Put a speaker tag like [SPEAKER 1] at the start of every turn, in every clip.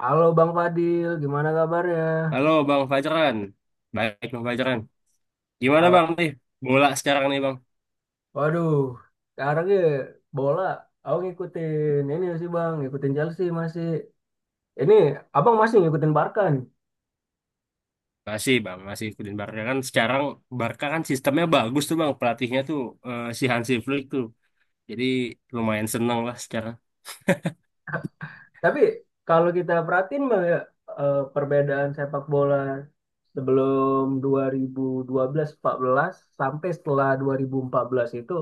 [SPEAKER 1] Halo Bang Fadil, gimana kabarnya?
[SPEAKER 2] Halo Bang Fajran, baik Bang Fajran. Gimana
[SPEAKER 1] Halo.
[SPEAKER 2] Bang nih bola sekarang nih Bang?
[SPEAKER 1] Waduh, sekarang ya bola, aku ngikutin ini sih Bang, ngikutin Chelsea masih. Ini Abang masih ngikutin Barca nih.
[SPEAKER 2] Masih Bang, masih ikutin Barca kan sekarang Barca kan sistemnya bagus tuh Bang, pelatihnya tuh si Hansi Flick tuh. Jadi lumayan seneng lah sekarang.
[SPEAKER 1] Tapi kalau kita perhatiin Bang ya, perbedaan sepak bola sebelum 2012-14 sampai setelah 2014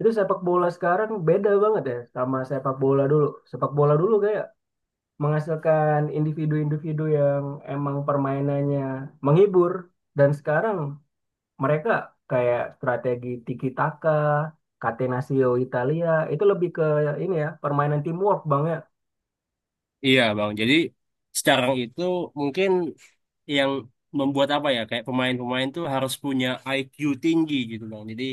[SPEAKER 1] itu sepak bola sekarang beda banget ya sama sepak bola dulu. Sepak bola dulu kayak menghasilkan individu-individu yang emang permainannya menghibur, dan sekarang mereka kayak strategi tiki taka, Catenaccio Italia itu lebih ke ini, ya permainan teamwork bang ya.
[SPEAKER 2] Iya Bang, jadi sekarang itu mungkin yang membuat apa ya kayak pemain-pemain tuh harus punya IQ tinggi gitu Bang. Jadi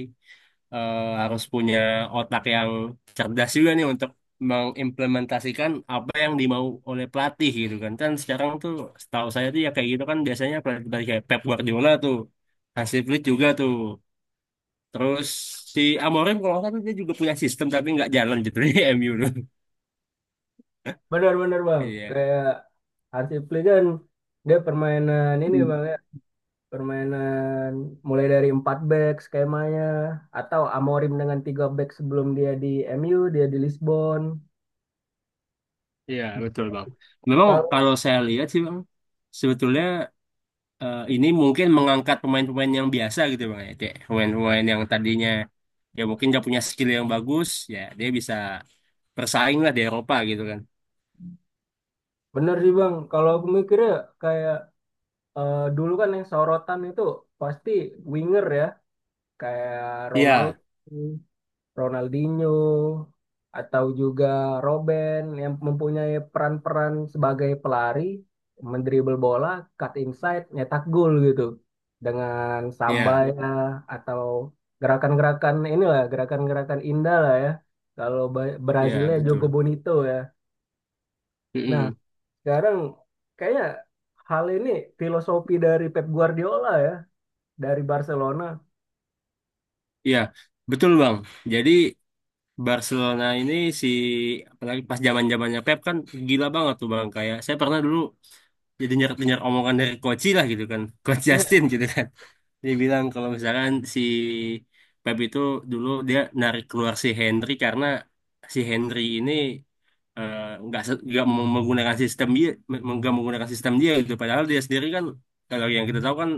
[SPEAKER 2] harus punya otak yang cerdas juga nih untuk mengimplementasikan apa yang dimau oleh pelatih gitu kan. Kan sekarang tuh setahu saya tuh ya kayak gitu kan biasanya pelatih kayak Pep Guardiola tuh, Hansi Flick juga tuh. Terus si Amorim kalau nggak salah tuh dia juga punya sistem tapi nggak jalan gitu di MU tuh.
[SPEAKER 1] Benar-benar bang,
[SPEAKER 2] Iya.
[SPEAKER 1] kayak Hansi Flick kan dia permainan ini bang ya, permainan mulai dari 4 back skemanya, atau Amorim dengan 3 back sebelum dia di MU, dia di Lisbon.
[SPEAKER 2] Iya, betul Bang. Memang
[SPEAKER 1] Kalau
[SPEAKER 2] kalau saya lihat sih Bang, sebetulnya ini mungkin mengangkat pemain-pemain yang biasa gitu bang ya kayak pemain-pemain yang tadinya ya mungkin nggak punya skill yang bagus ya dia bisa bersaing lah di Eropa gitu kan.
[SPEAKER 1] bener sih bang, kalau aku mikirnya, kayak dulu kan yang sorotan itu pasti winger ya, kayak
[SPEAKER 2] Iya,
[SPEAKER 1] Ronaldo, Ronaldinho, atau juga Robben yang mempunyai peran-peran sebagai pelari, mendribel bola, cut inside, nyetak gol gitu. Dengan sambai
[SPEAKER 2] iya,
[SPEAKER 1] iya lah, atau gerakan-gerakan inilah, gerakan-gerakan indah lah ya. Kalau
[SPEAKER 2] iya,
[SPEAKER 1] Brazilnya iya,
[SPEAKER 2] betul.
[SPEAKER 1] Jogo Bonito ya. Nah,
[SPEAKER 2] Mm-mm.
[SPEAKER 1] sekarang kayaknya hal ini filosofi dari Pep Guardiola dari Barcelona
[SPEAKER 2] Iya betul bang, jadi Barcelona ini si apalagi pas zaman zamannya Pep kan gila banget tuh bang kayak saya pernah dulu jadi dengar dengar omongan dari Koci lah gitu kan Coach
[SPEAKER 1] ya.
[SPEAKER 2] Justin gitu kan. Dia bilang kalau misalkan si Pep itu dulu dia narik keluar si Henry karena si Henry ini eh, nggak menggunakan sistem dia gitu. Padahal dia sendiri kan kalau yang kita tahu kan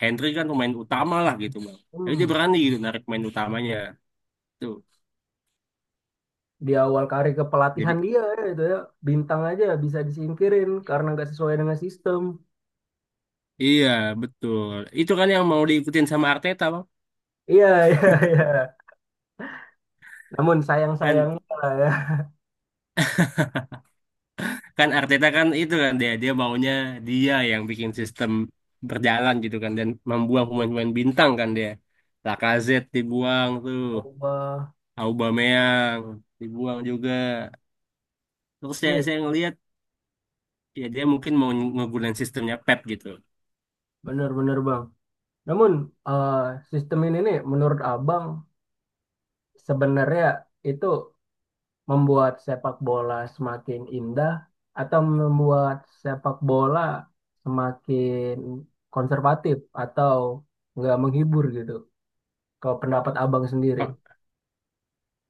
[SPEAKER 2] Henry kan pemain utama lah gitu bang. Tapi
[SPEAKER 1] Hmm,
[SPEAKER 2] dia berani gitu narik pemain utamanya tuh.
[SPEAKER 1] di awal karir kepelatihan
[SPEAKER 2] Jadi,
[SPEAKER 1] dia ya, itu ya bintang aja bisa disingkirin karena nggak sesuai dengan sistem.
[SPEAKER 2] iya betul. Itu kan yang mau diikutin sama Arteta bang.
[SPEAKER 1] Iya, iya, iya. Namun sayang
[SPEAKER 2] Kan
[SPEAKER 1] sayang, ya
[SPEAKER 2] kan Arteta kan itu kan dia dia maunya dia yang bikin sistem berjalan gitu kan, dan membuang pemain-pemain bintang kan dia. Lacazette dibuang tuh,
[SPEAKER 1] Allah
[SPEAKER 2] Aubameyang dibuang juga. Terus saya
[SPEAKER 1] nih,
[SPEAKER 2] saya ngelihat ya dia mungkin mau ngegunain sistemnya Pep gitu.
[SPEAKER 1] bener-bener bang. Namun eh, sistem ini nih menurut abang sebenarnya itu membuat sepak bola semakin indah, atau membuat sepak bola semakin konservatif atau nggak menghibur gitu. Kalau pendapat abang sendiri.
[SPEAKER 2] Oh,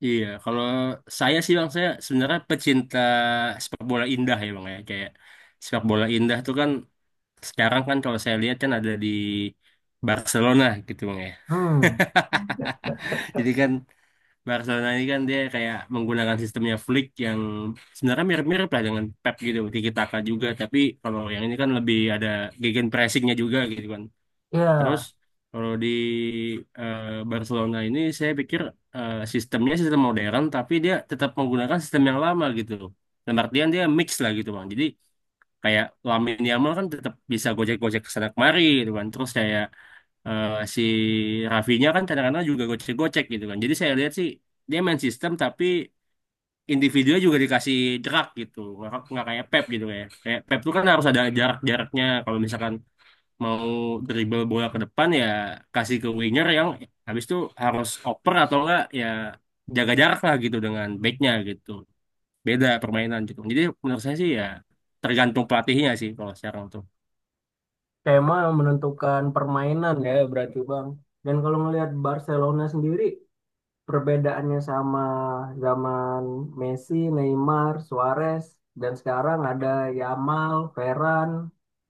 [SPEAKER 2] iya kalau saya sih bang, saya sebenarnya pecinta sepak bola indah ya bang ya, kayak sepak bola indah tuh kan sekarang kan kalau saya lihat kan ada di Barcelona gitu bang ya.
[SPEAKER 1] Hmm,
[SPEAKER 2] Jadi kan Barcelona ini kan dia kayak menggunakan sistemnya Flick yang sebenarnya mirip-mirip lah dengan Pep gitu, Tiki Taka juga. Tapi kalau yang ini kan lebih ada gegen pressingnya juga gitu kan. Terus
[SPEAKER 1] ya,
[SPEAKER 2] kalau di eh, Barcelona ini saya pikir sistemnya sistem modern, tapi dia tetap menggunakan sistem yang lama gitu. Dan artian dia mix lah gitu bang. Jadi kayak Lamine Yamal kan tetap bisa gojek-gojek kesana kemari gitu kan. Terus kayak eh, si Rafinya kan kadang-kadang juga gocek-gocek gitu kan. Jadi saya lihat sih dia main sistem tapi individunya juga dikasih jerak gitu. Nggak kayak Pep gitu ya. Kayak Pep tuh kan harus ada jarak-jaraknya. Kalau misalkan mau dribble bola ke depan ya kasih ke winger yang habis itu harus oper, atau enggak ya jaga jarak lah gitu dengan backnya gitu. Beda permainan gitu. Jadi menurut saya sih ya tergantung pelatihnya sih kalau sekarang tuh.
[SPEAKER 1] tema yang menentukan permainan ya berarti bang. Dan kalau ngelihat Barcelona sendiri, perbedaannya sama zaman Messi, Neymar, Suarez, dan sekarang ada Yamal, Ferran,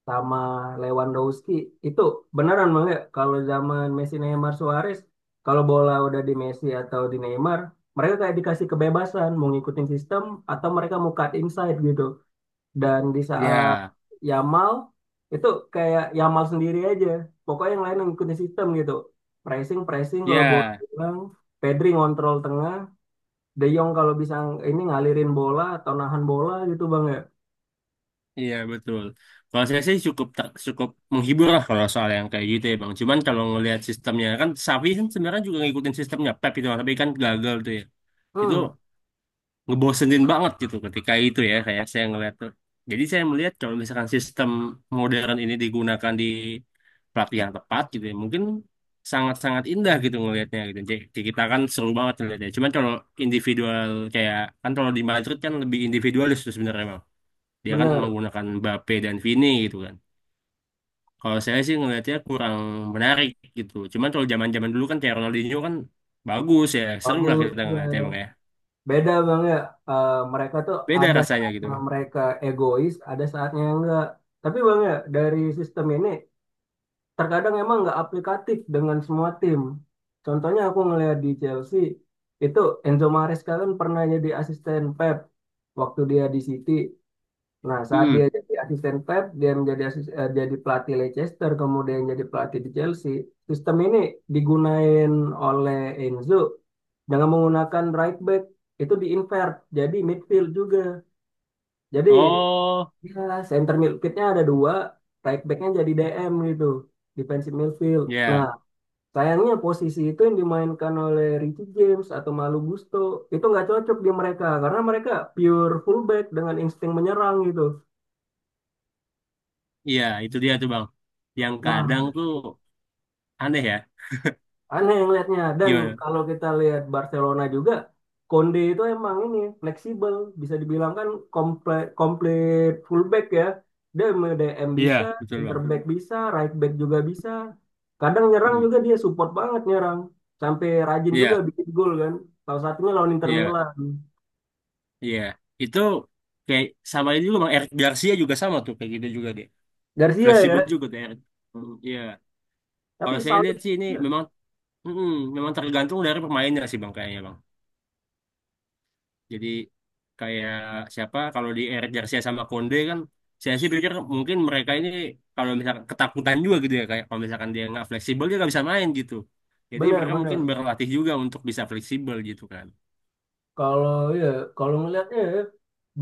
[SPEAKER 1] sama Lewandowski. Itu beneran bang ya, kalau zaman Messi, Neymar, Suarez, kalau bola udah di Messi atau di Neymar, mereka kayak dikasih kebebasan mau ngikutin sistem atau mereka mau cut inside gitu. Dan di saat
[SPEAKER 2] Ya,
[SPEAKER 1] Yamal itu kayak Yamal sendiri aja. Pokoknya yang lain yang ngikutin sistem gitu. Pressing, pressing kalau bola
[SPEAKER 2] ya.
[SPEAKER 1] bilang, Pedri ngontrol tengah, De Jong kalau bisa ini ngalirin bola atau nahan bola gitu Bang ya.
[SPEAKER 2] Iya betul. Kalau saya sih cukup tak cukup menghibur lah kalau soal yang kayak gitu ya bang. Cuman kalau ngelihat sistemnya kan Safi kan sebenarnya juga ngikutin sistemnya Pep itu tapi kan gagal tuh ya. Itu
[SPEAKER 1] Hmm,
[SPEAKER 2] ngebosenin banget gitu ketika itu ya kayak saya ngelihat tuh. Jadi saya melihat kalau misalkan sistem modern ini digunakan di pelatih yang tepat gitu ya mungkin sangat-sangat indah gitu ngelihatnya gitu. Jadi kita kan seru banget ngelihatnya. Cuman kalau individual kayak kan kalau di Madrid kan lebih individualis tuh sebenarnya dia kan
[SPEAKER 1] bener.
[SPEAKER 2] menggunakan Mbappe dan Vini gitu kan. Kalau saya sih ngelihatnya kurang menarik gitu. Cuman kalau zaman-zaman dulu kan kayak Ronaldinho kan bagus ya, seru lah
[SPEAKER 1] Bagus.
[SPEAKER 2] kita ngeliatnya
[SPEAKER 1] Iya.
[SPEAKER 2] bang ya.
[SPEAKER 1] Beda Bang ya. Eh, mereka tuh
[SPEAKER 2] Beda
[SPEAKER 1] ada
[SPEAKER 2] rasanya gitu
[SPEAKER 1] saatnya
[SPEAKER 2] bang.
[SPEAKER 1] mereka egois, ada saatnya enggak. Tapi Bang ya, dari sistem ini terkadang emang nggak aplikatif dengan semua tim. Contohnya aku ngelihat di Chelsea, itu Enzo Maresca kan pernah jadi asisten Pep waktu dia di City. Nah, saat
[SPEAKER 2] Hmm.
[SPEAKER 1] dia jadi asisten Pep, dia menjadi jadi pelatih Leicester, kemudian jadi pelatih di Chelsea. Sistem ini digunain oleh Enzo dengan menggunakan right back itu diinvert jadi midfield juga. Jadi
[SPEAKER 2] Oh,
[SPEAKER 1] ya center midfieldnya ada dua, right backnya jadi DM gitu, defensive midfield. Nah,
[SPEAKER 2] ya,
[SPEAKER 1] sayangnya posisi itu yang dimainkan oleh Richie James atau Malu Gusto itu nggak cocok di mereka karena mereka pure fullback dengan insting menyerang gitu.
[SPEAKER 2] iya itu dia tuh bang. Yang
[SPEAKER 1] Nah,
[SPEAKER 2] kadang tuh aneh ya.
[SPEAKER 1] aneh yang lihatnya. Dan
[SPEAKER 2] Gimana?
[SPEAKER 1] kalau kita lihat Barcelona juga, Konde itu emang ini fleksibel, bisa dibilang kan komplit fullback ya. Dia DM bisa,
[SPEAKER 2] Iya, betul
[SPEAKER 1] center
[SPEAKER 2] bang.
[SPEAKER 1] back bisa, right back juga bisa. Kadang nyerang
[SPEAKER 2] Hmm.
[SPEAKER 1] juga dia support banget nyerang. Sampai rajin juga
[SPEAKER 2] Iya,
[SPEAKER 1] bikin gol kan. Salah satunya lawan Inter
[SPEAKER 2] iya,
[SPEAKER 1] Milan.
[SPEAKER 2] iya. Itu kayak sama ini juga bang. Eric Garcia juga sama tuh kayak gitu juga dia.
[SPEAKER 1] Garcia
[SPEAKER 2] Fleksibel
[SPEAKER 1] ya.
[SPEAKER 2] juga tuh Eric. Hmm, iya.
[SPEAKER 1] Tapi
[SPEAKER 2] Kalau saya
[SPEAKER 1] salut,
[SPEAKER 2] lihat sih ini
[SPEAKER 1] ya,
[SPEAKER 2] memang Mm-mm, memang tergantung dari pemainnya sih bang kayaknya bang. Jadi kayak siapa kalau di Eric Garcia sama Konde kan, saya sih pikir mungkin mereka ini kalau misalkan ketakutan juga gitu ya kayak kalau misalkan dia nggak fleksibel dia nggak bisa main gitu. Jadi mereka mungkin
[SPEAKER 1] benar-benar.
[SPEAKER 2] berlatih juga untuk bisa fleksibel gitu kan.
[SPEAKER 1] Kalau ya, kalau ngelihatnya ya,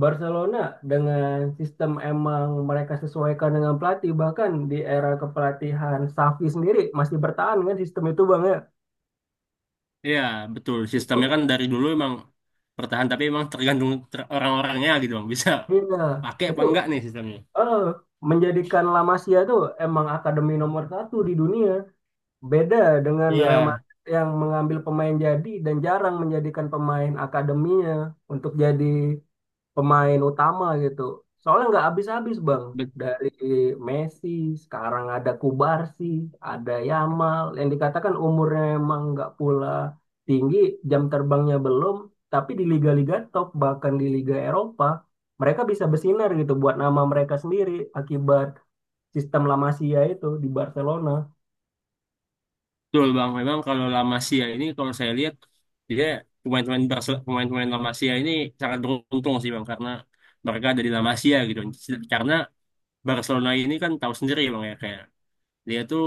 [SPEAKER 1] Barcelona dengan sistem emang mereka sesuaikan dengan pelatih, bahkan di era kepelatihan Xavi sendiri masih bertahan kan sistem itu bang ya.
[SPEAKER 2] Iya betul, sistemnya
[SPEAKER 1] Itu,
[SPEAKER 2] kan dari dulu emang bertahan tapi emang tergantung orang-orangnya gitu bang, bisa
[SPEAKER 1] iya,
[SPEAKER 2] pakai
[SPEAKER 1] itu
[SPEAKER 2] apa enggak nih sistemnya.
[SPEAKER 1] eh, menjadikan La Masia itu emang akademi nomor satu di dunia. Beda dengan Real
[SPEAKER 2] Iya,
[SPEAKER 1] Madrid yang mengambil pemain jadi dan jarang menjadikan pemain akademinya untuk jadi pemain utama gitu. Soalnya nggak habis-habis bang. Dari Messi, sekarang ada Kubarsi, ada Yamal. Yang dikatakan umurnya emang nggak pula tinggi, jam terbangnya belum. Tapi di liga-liga top, bahkan di Liga Eropa, mereka bisa bersinar gitu buat nama mereka sendiri akibat sistem La Masia itu di Barcelona.
[SPEAKER 2] betul Bang, memang kalau La Masia ini kalau saya lihat dia pemain-pemain La Masia ini sangat beruntung sih Bang karena mereka ada di La Masia gitu. Karena Barcelona ini kan tahu sendiri Bang ya, kayak dia tuh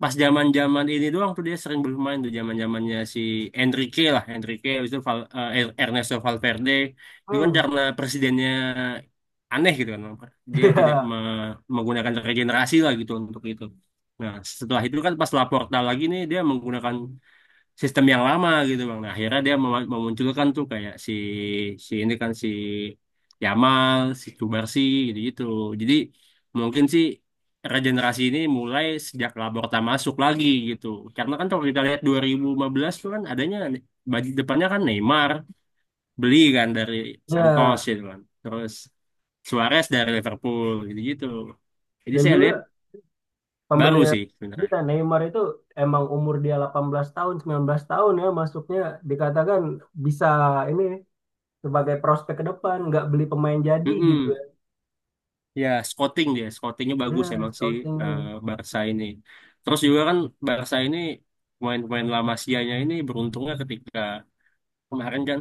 [SPEAKER 2] pas zaman-zaman ini doang tuh dia sering bermain tuh zaman-zamannya si Enrique lah, Enrique habis itu Ernesto Valverde. Itu kan
[SPEAKER 1] Hmm.
[SPEAKER 2] karena presidennya aneh gitu kan. Dia tidak
[SPEAKER 1] Ya,
[SPEAKER 2] menggunakan regenerasi lah gitu untuk itu. Nah, setelah itu kan pas Laporta lagi nih dia menggunakan sistem yang lama gitu bang. Nah, akhirnya dia memunculkan tuh kayak si si ini kan si Yamal, si Kubarsi gitu-gitu. Jadi mungkin sih regenerasi ini mulai sejak Laporta masuk lagi gitu. Karena kan kalau kita lihat 2015 tuh kan adanya baju depannya kan Neymar beli kan dari Santos
[SPEAKER 1] ya.
[SPEAKER 2] gitu kan. Terus Suarez dari Liverpool gitu-gitu. Jadi
[SPEAKER 1] Dan
[SPEAKER 2] saya lihat
[SPEAKER 1] juga
[SPEAKER 2] baru
[SPEAKER 1] pembelian
[SPEAKER 2] sih
[SPEAKER 1] kita
[SPEAKER 2] sebenarnya.
[SPEAKER 1] Neymar itu emang umur dia 18 tahun, 19 tahun ya masuknya, dikatakan bisa ini sebagai prospek ke depan, nggak beli pemain jadi gitu
[SPEAKER 2] Mm-mm.
[SPEAKER 1] ya.
[SPEAKER 2] Ya, scouting dia, scoutingnya
[SPEAKER 1] Ya,
[SPEAKER 2] bagus emang sih eh,
[SPEAKER 1] scoutingnya.
[SPEAKER 2] Barca ini. Terus juga kan Barca ini pemain-pemain La Masia-nya ini beruntungnya ketika kemarin kan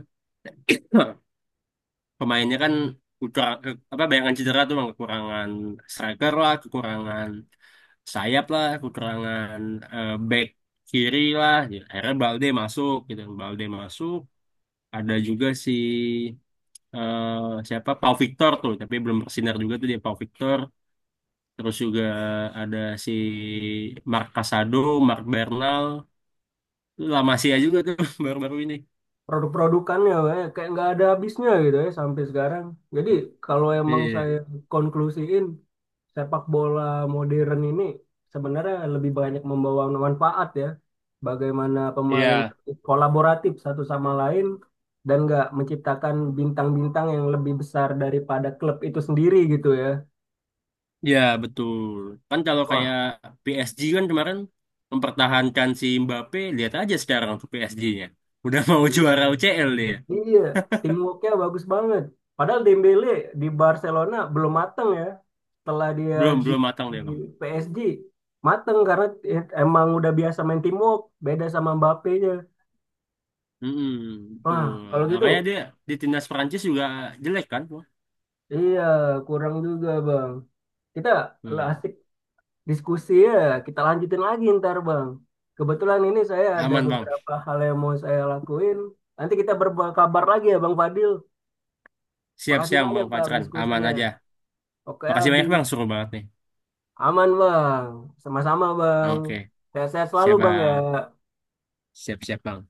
[SPEAKER 2] pemainnya kan kurang apa bayangan cedera tuh bang, kekurangan striker lah, kekurangan sayap lah, kekurangan back kiri lah. Ya, akhirnya Balde masuk gitu, Balde masuk. Ada juga si siapa Pau Victor tuh, tapi belum bersinar juga tuh dia Pau Victor. Terus juga ada si Mark Casado, Mark Bernal, lama sih ya juga tuh baru-baru ini.
[SPEAKER 1] Produk-produkannya kayak kayak nggak ada habisnya gitu ya sampai sekarang. Jadi kalau emang
[SPEAKER 2] Iya,
[SPEAKER 1] saya konklusiin, sepak bola modern ini sebenarnya lebih banyak membawa manfaat ya. Bagaimana pemain
[SPEAKER 2] iya,
[SPEAKER 1] kolaboratif satu sama lain dan nggak menciptakan bintang-bintang yang lebih besar daripada klub itu sendiri gitu ya.
[SPEAKER 2] iya betul. Kan kalau
[SPEAKER 1] Wah,
[SPEAKER 2] kayak PSG kan kemarin mempertahankan si Mbappe, lihat aja sekarang tuh PSG-nya. Udah mau juara
[SPEAKER 1] iya.
[SPEAKER 2] UCL dia.
[SPEAKER 1] Iya, teamworknya bagus banget. Padahal Dembele di Barcelona belum mateng ya. Setelah dia
[SPEAKER 2] Belum,
[SPEAKER 1] di
[SPEAKER 2] belum matang dia,
[SPEAKER 1] di
[SPEAKER 2] Bang.
[SPEAKER 1] PSG mateng karena emang udah biasa main teamwork, beda sama Mbappe-nya.
[SPEAKER 2] Mm-mm,
[SPEAKER 1] Wah,
[SPEAKER 2] betul.
[SPEAKER 1] kalau gitu,
[SPEAKER 2] Makanya dia di timnas Prancis juga jelek kan.
[SPEAKER 1] iya kurang juga bang. Kita lah
[SPEAKER 2] Hmm.
[SPEAKER 1] asik diskusi ya, kita lanjutin lagi ntar bang. Kebetulan ini saya ada
[SPEAKER 2] Aman, Bang.
[SPEAKER 1] beberapa hal yang mau saya lakuin. Nanti kita berkabar lagi ya Bang Fadil. Makasih
[SPEAKER 2] Siap-siap,
[SPEAKER 1] banyak
[SPEAKER 2] Bang
[SPEAKER 1] Bang
[SPEAKER 2] Pacran. Aman
[SPEAKER 1] diskusinya.
[SPEAKER 2] aja.
[SPEAKER 1] Oke,
[SPEAKER 2] Makasih
[SPEAKER 1] Abi.
[SPEAKER 2] banyak, Bang. Suruh banget nih.
[SPEAKER 1] Aman bang, sama-sama bang.
[SPEAKER 2] Oke.
[SPEAKER 1] Sehat-sehat selalu
[SPEAKER 2] Siap,
[SPEAKER 1] bang
[SPEAKER 2] Bang.
[SPEAKER 1] ya.
[SPEAKER 2] Siap-siap, Bang.